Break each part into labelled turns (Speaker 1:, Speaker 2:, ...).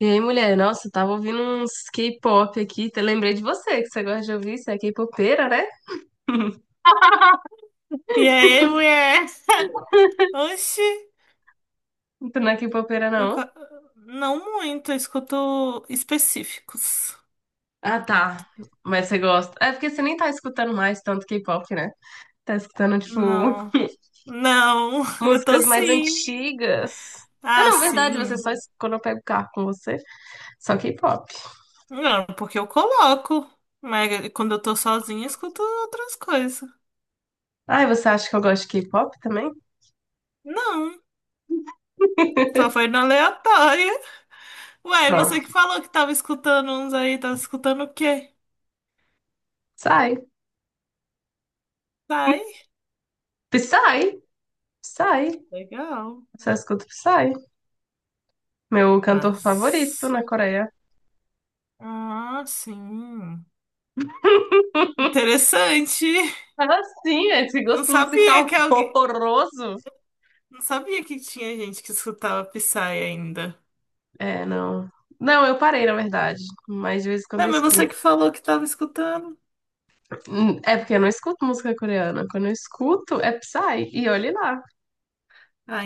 Speaker 1: E aí, mulher? Nossa, eu tava ouvindo uns K-pop aqui. Te lembrei de você, que você gosta de ouvir. Você é K-popeira, né?
Speaker 2: E aí, mulher? Oxi,
Speaker 1: Tu não é K-popeira,
Speaker 2: eu
Speaker 1: não?
Speaker 2: ca- não muito, eu escuto específicos.
Speaker 1: Ah, tá. Mas você gosta. É porque você nem tá escutando mais tanto K-pop, né? Tá escutando, tipo,
Speaker 2: Não, não, eu tô
Speaker 1: músicas mais
Speaker 2: sim.
Speaker 1: antigas. Ah,
Speaker 2: Ah,
Speaker 1: não, verdade, você
Speaker 2: sim.
Speaker 1: só escuta quando eu pego o carro com você, só K-pop.
Speaker 2: Não, porque eu coloco. Mas quando eu tô sozinha, eu escuto outras coisas.
Speaker 1: Ai, você acha que eu gosto de K-pop também?
Speaker 2: Não, só foi na aleatória. Ué,
Speaker 1: Só.
Speaker 2: você que falou que tava escutando uns aí, tava escutando o quê?
Speaker 1: Psy.
Speaker 2: Sai.
Speaker 1: Psy. Psy.
Speaker 2: Legal.
Speaker 1: Só escuto Psy. Meu cantor favorito
Speaker 2: Mas.
Speaker 1: na Coreia.
Speaker 2: Ah, sim. Interessante.
Speaker 1: Ah, sim, é, esse
Speaker 2: Não
Speaker 1: gosto
Speaker 2: sabia
Speaker 1: musical
Speaker 2: que alguém.
Speaker 1: horroroso.
Speaker 2: Não sabia que tinha gente que escutava Psy ainda.
Speaker 1: É, não. Não, eu parei, na verdade. Mas de vez em quando
Speaker 2: É,
Speaker 1: eu
Speaker 2: mas você
Speaker 1: escuto.
Speaker 2: que falou que tava escutando.
Speaker 1: É porque eu não escuto música coreana. Quando eu escuto, é Psy. E olhe lá.
Speaker 2: Ah,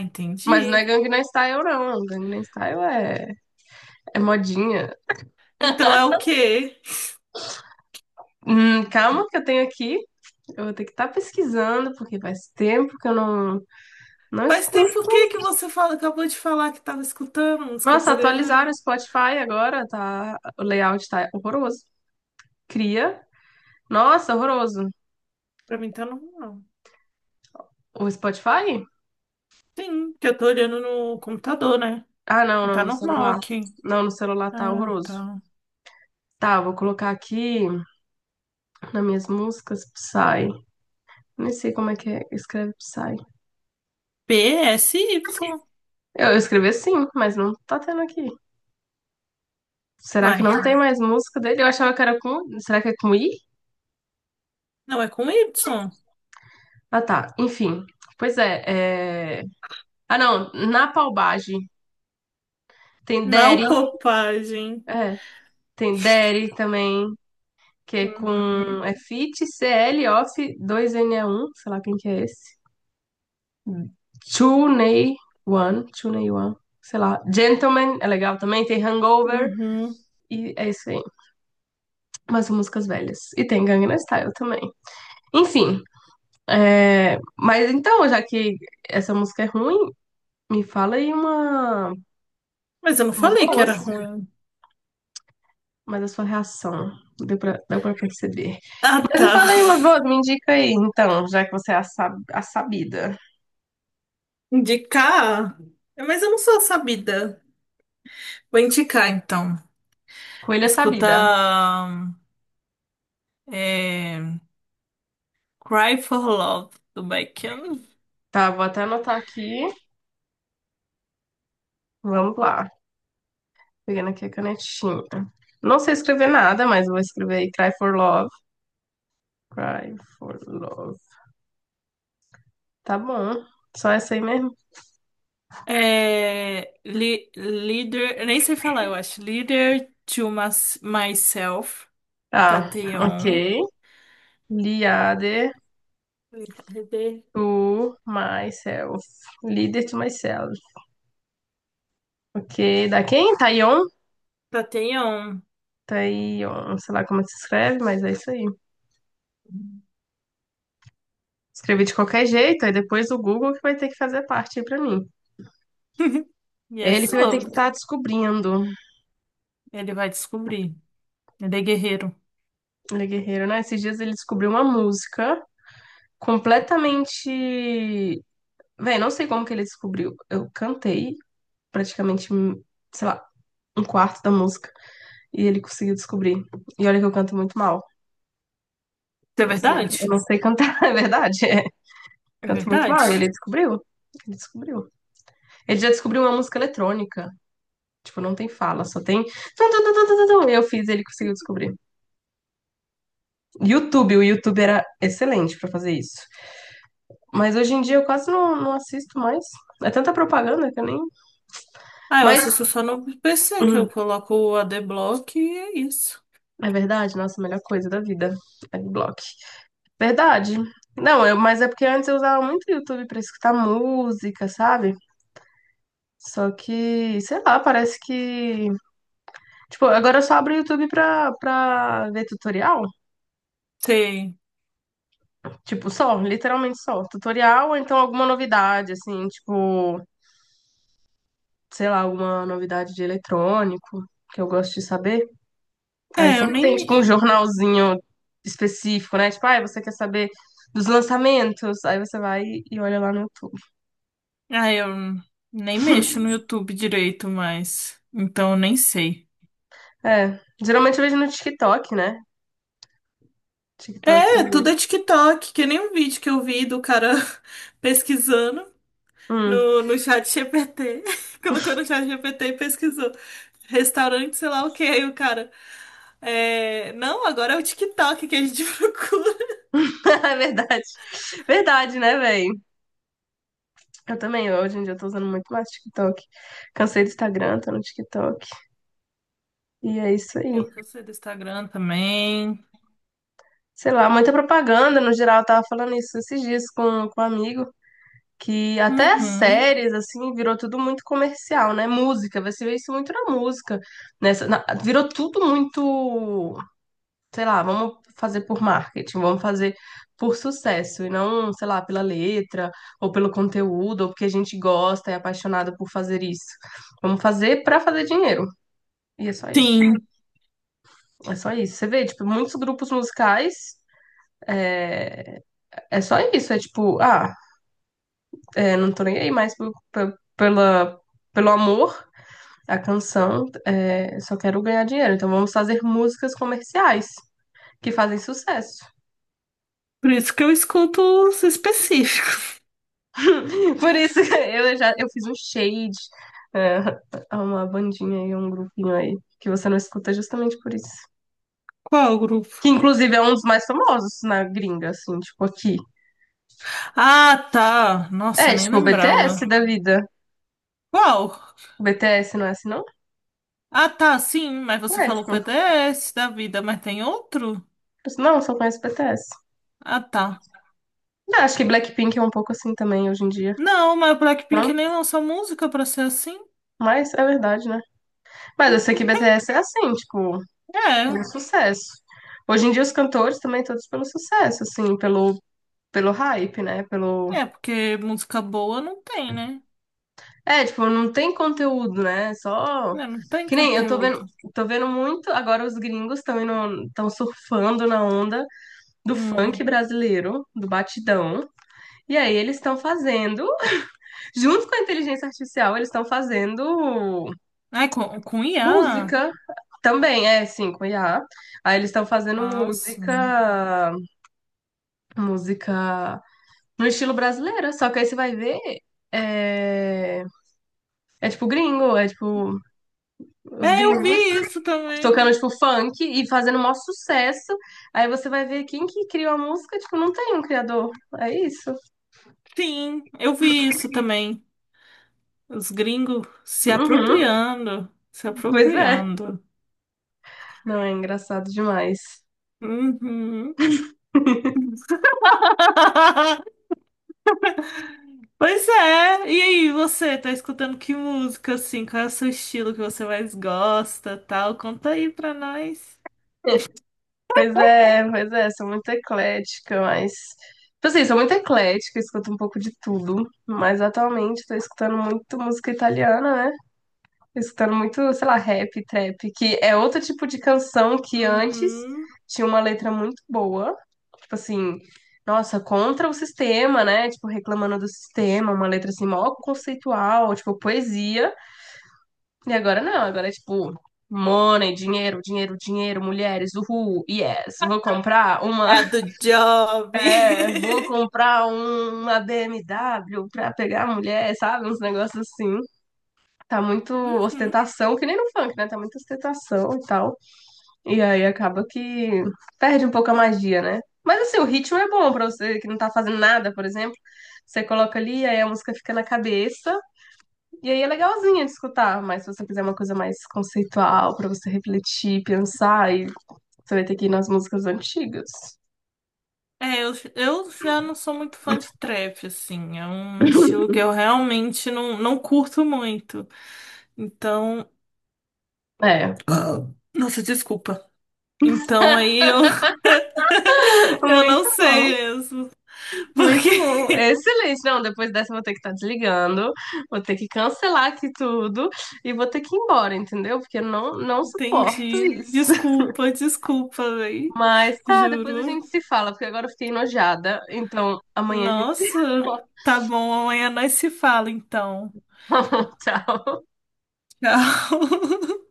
Speaker 1: Mas não é
Speaker 2: entendi.
Speaker 1: Gangnam Style, não. Gangnam Style é modinha.
Speaker 2: Então é o quê?
Speaker 1: Calma que eu tenho aqui. Eu vou ter que estar pesquisando, porque faz tempo que eu não
Speaker 2: Faz
Speaker 1: escuto.
Speaker 2: tempo que você fala, acabou de falar que tava escutando música
Speaker 1: Nossa,
Speaker 2: coreana?
Speaker 1: atualizaram o Spotify agora, tá? O layout tá horroroso. Cria. Nossa, horroroso.
Speaker 2: Pra mim tá normal.
Speaker 1: O Spotify?
Speaker 2: Sim, que eu tô olhando no computador, né?
Speaker 1: Ah, não, não,
Speaker 2: Tá
Speaker 1: no
Speaker 2: normal
Speaker 1: celular.
Speaker 2: aqui.
Speaker 1: Não, no celular tá
Speaker 2: Ah,
Speaker 1: horroroso.
Speaker 2: tá.
Speaker 1: Tá, vou colocar aqui nas minhas músicas Psy. Nem sei como é que é, escreve Psy.
Speaker 2: PSY.
Speaker 1: Eu escrevi sim, mas não tá tendo aqui. Será que não
Speaker 2: Uai,
Speaker 1: tem mais música dele? Eu achava que era com. Será que é com I?
Speaker 2: não é com Y?
Speaker 1: Ah, tá. Enfim. Pois é. Ah, não. Na Palbagem tem Derry.
Speaker 2: Não popagem.
Speaker 1: É, tem Derry também, que é com.
Speaker 2: Uhum.
Speaker 1: É Fit CL Off 2NE1. Sei lá quem que é esse. Chunei Wan, Chunei Wan, sei lá. Gentleman é legal também, tem Hangover
Speaker 2: Uhum.
Speaker 1: e é isso aí. Mas músicas velhas. E tem Gangnam Style também. Enfim, é, mas então, já que essa música é ruim, me fala aí uma
Speaker 2: Mas eu não
Speaker 1: mais
Speaker 2: falei
Speaker 1: boa.
Speaker 2: que era ruim.
Speaker 1: Mas a sua reação deu pra perceber.
Speaker 2: Ah,
Speaker 1: Mas me
Speaker 2: tá.
Speaker 1: fala aí uma boa, me indica aí, então, já que você é a sabida.
Speaker 2: Indicar? Mas eu não sou sabida. Vou indicar, então.
Speaker 1: Coelha sabida.
Speaker 2: Escutar é, Cry for Love, do Baekhyun.
Speaker 1: Tá, vou até anotar aqui. Vamos lá. Pegando aqui a canetinha. Não sei escrever nada, mas vou escrever aí Cry for Love. Cry for Love. Tá bom. Só essa aí mesmo.
Speaker 2: É, li, leader... eu nem sei falar, eu acho. Leader to Mas- Myself,
Speaker 1: Tá,
Speaker 2: Tateon.
Speaker 1: ok. Liade
Speaker 2: Leader
Speaker 1: to myself. Leader to myself. Ok. Da quem? Taeyeon?
Speaker 2: Tateon.
Speaker 1: Taeyeon. Sei lá como é que se escreve, mas é isso aí. Escrevi de qualquer jeito, aí depois o Google que vai ter que fazer parte aí pra mim.
Speaker 2: E é
Speaker 1: É ele que vai ter que
Speaker 2: sobre.
Speaker 1: estar tá descobrindo.
Speaker 2: Ele vai descobrir. Ele é guerreiro.
Speaker 1: Ele é guerreiro, né? Esses dias ele descobriu uma música completamente. Véi, não sei como que ele descobriu. Eu cantei praticamente, sei lá, um quarto da música e ele conseguiu descobrir. E olha que eu canto muito mal.
Speaker 2: Isso é
Speaker 1: Tipo assim,
Speaker 2: verdade?
Speaker 1: eu não sei cantar, é verdade. É.
Speaker 2: É
Speaker 1: Canto muito
Speaker 2: verdade?
Speaker 1: mal. E ele descobriu. Ele descobriu. Ele já descobriu uma música eletrônica. Tipo, não tem fala, só tem tum, tum, tum, tum, tum, tum. Eu fiz, ele conseguiu descobrir. YouTube, o YouTube era excelente pra fazer isso. Mas hoje em dia eu quase não assisto mais. É tanta propaganda que eu nem.
Speaker 2: Ah, eu
Speaker 1: Mas
Speaker 2: assisto só no PC que
Speaker 1: hum,
Speaker 2: eu coloco o Adblock e é isso.
Speaker 1: é verdade, nossa, a melhor coisa da vida, Adblock. Verdade. Não, eu, mas é porque antes eu usava muito o YouTube pra escutar música, sabe? Só que, sei lá, parece que. Tipo, agora eu só abro o YouTube pra ver tutorial.
Speaker 2: Tem.
Speaker 1: Tipo, só, literalmente só. Tutorial ou então alguma novidade, assim, tipo, sei lá, alguma novidade de eletrônico que eu gosto de saber. Aí
Speaker 2: É,
Speaker 1: você
Speaker 2: eu
Speaker 1: não
Speaker 2: nem
Speaker 1: tem, tipo, um
Speaker 2: me.
Speaker 1: jornalzinho específico, né? Tipo, ah, você quer saber dos lançamentos? Aí você vai e olha lá no YouTube.
Speaker 2: Ah, eu nem mexo no YouTube direito mais. Então eu nem sei.
Speaker 1: É, geralmente eu vejo no TikTok, né? TikTok.
Speaker 2: É, tudo é TikTok, que nem um vídeo que eu vi do cara pesquisando
Speaker 1: Hum,
Speaker 2: no chat GPT. Colocou no chat GPT e pesquisou. Restaurante, sei lá o que. Aí o cara. É... Não, agora é o TikTok que a gente procura.
Speaker 1: é verdade. Verdade, né, véi? Eu também, hoje em dia eu tô usando muito mais TikTok. Cansei do Instagram, tô no TikTok. E é isso aí.
Speaker 2: É o que eu sei do Instagram também.
Speaker 1: Sei lá, muita propaganda no geral. Eu tava falando isso esses dias com um amigo. Que até as
Speaker 2: Uhum.
Speaker 1: séries, assim, virou tudo muito comercial, né? Música, você vê isso muito na música, virou tudo muito, sei lá, vamos fazer por marketing, vamos fazer por sucesso, e não, sei lá, pela letra, ou pelo conteúdo, ou porque a gente gosta, é apaixonado por fazer isso. Vamos fazer pra fazer dinheiro, e é só isso.
Speaker 2: Sim,
Speaker 1: É só isso. Você vê, tipo, muitos grupos musicais, é só isso, é tipo, ah, é, não tô nem aí mais pelo amor. A canção é Só Quero Ganhar Dinheiro, então vamos fazer músicas comerciais que fazem sucesso.
Speaker 2: por isso que eu escuto os específicos.
Speaker 1: Por isso que eu já eu fiz um shade a uma bandinha aí, um grupinho aí, que você não escuta justamente por isso.
Speaker 2: Qual grupo?
Speaker 1: Que inclusive é um dos mais famosos na gringa, assim, tipo aqui.
Speaker 2: Ah, tá. Nossa,
Speaker 1: É,
Speaker 2: nem
Speaker 1: tipo o BTS
Speaker 2: lembrava.
Speaker 1: da vida.
Speaker 2: Qual?
Speaker 1: O BTS não é assim, não?
Speaker 2: Ah, tá, sim, mas você
Speaker 1: É,
Speaker 2: falou
Speaker 1: tipo,
Speaker 2: PDS da vida, mas tem outro?
Speaker 1: não, só conheço o BTS.
Speaker 2: Ah, tá.
Speaker 1: Eu acho que Blackpink é um pouco assim também hoje em dia.
Speaker 2: Não, mas o
Speaker 1: Não?
Speaker 2: Blackpink nem lançou música pra ser assim.
Speaker 1: Mas é verdade, né? Mas eu sei que BTS é assim, tipo,
Speaker 2: É,
Speaker 1: pelo sucesso. Hoje em dia os cantores também todos pelo sucesso, assim, pelo pelo hype, né? Pelo
Speaker 2: é, porque música boa não tem, né?
Speaker 1: é, tipo, não tem conteúdo, né? Só
Speaker 2: É, não tem
Speaker 1: que nem eu
Speaker 2: conteúdo.
Speaker 1: tô vendo muito agora os gringos estão surfando na onda do funk
Speaker 2: Hum.
Speaker 1: brasileiro, do batidão. E aí eles estão fazendo, junto com a inteligência artificial, eles estão fazendo
Speaker 2: Ai, com IA?
Speaker 1: música também, é, sim, com IA. Aí eles estão fazendo
Speaker 2: Ah, sim.
Speaker 1: música, música no estilo brasileiro, só que aí você vai ver. É, é tipo gringo, é tipo os
Speaker 2: É, eu vi
Speaker 1: gringos
Speaker 2: isso também.
Speaker 1: tocando tipo funk e fazendo o maior sucesso. Aí você vai ver quem que criou a música, tipo, não tem um criador. É isso.
Speaker 2: Sim, eu vi isso também. Os gringos se
Speaker 1: Uhum,
Speaker 2: apropriando, se
Speaker 1: pois é.
Speaker 2: apropriando.
Speaker 1: Não, é engraçado demais.
Speaker 2: Uhum. Pois é. E aí, você tá escutando que música assim? Qual é o seu estilo que você mais gosta, tal? Conta aí pra nós.
Speaker 1: Pois é, sou muito eclética, mas. Tipo assim, sou muito eclética, escuto um pouco de tudo. Mas atualmente tô escutando muito música italiana, né? Escutando muito, sei lá, rap, trap, que é outro tipo de canção que antes
Speaker 2: Uhum.
Speaker 1: tinha uma letra muito boa, tipo assim, nossa, contra o sistema, né? Tipo, reclamando do sistema, uma letra assim, mó conceitual, tipo, poesia. E agora não, agora é tipo, money, dinheiro, dinheiro, dinheiro, mulheres, uhul, yes, vou comprar uma,
Speaker 2: É a do Job.
Speaker 1: é, vou comprar uma BMW pra pegar a mulher, sabe? Uns negócios assim. Tá muito
Speaker 2: Uhum.
Speaker 1: ostentação, que nem no funk, né? Tá muita ostentação e tal. E aí acaba que perde um pouco a magia, né? Mas assim, o ritmo é bom pra você que não tá fazendo nada, por exemplo. Você coloca ali, aí a música fica na cabeça, e aí é legalzinha de escutar. Mas se você quiser uma coisa mais conceitual, pra você refletir, pensar, aí você vai ter que ir nas músicas antigas.
Speaker 2: É, eu já não sou muito fã de trap, assim. É um estilo que eu realmente não curto muito. Então.
Speaker 1: É.
Speaker 2: Ah, nossa, desculpa. Então aí eu, eu
Speaker 1: Muito
Speaker 2: não
Speaker 1: bom,
Speaker 2: sei mesmo.
Speaker 1: muito bom.
Speaker 2: Porque.
Speaker 1: Excelente. Não, depois dessa eu vou ter que estar desligando, vou ter que cancelar aqui tudo e vou ter que ir embora, entendeu? Porque eu não, não suporto
Speaker 2: Entendi.
Speaker 1: isso.
Speaker 2: Desculpa, desculpa, véi.
Speaker 1: Mas tá, depois a
Speaker 2: Juro.
Speaker 1: gente se fala, porque agora eu fiquei enojada. Então, amanhã a gente se
Speaker 2: Nossa.
Speaker 1: fala.
Speaker 2: Tá bom, amanhã nós se fala então.
Speaker 1: Tchau.
Speaker 2: Tchau.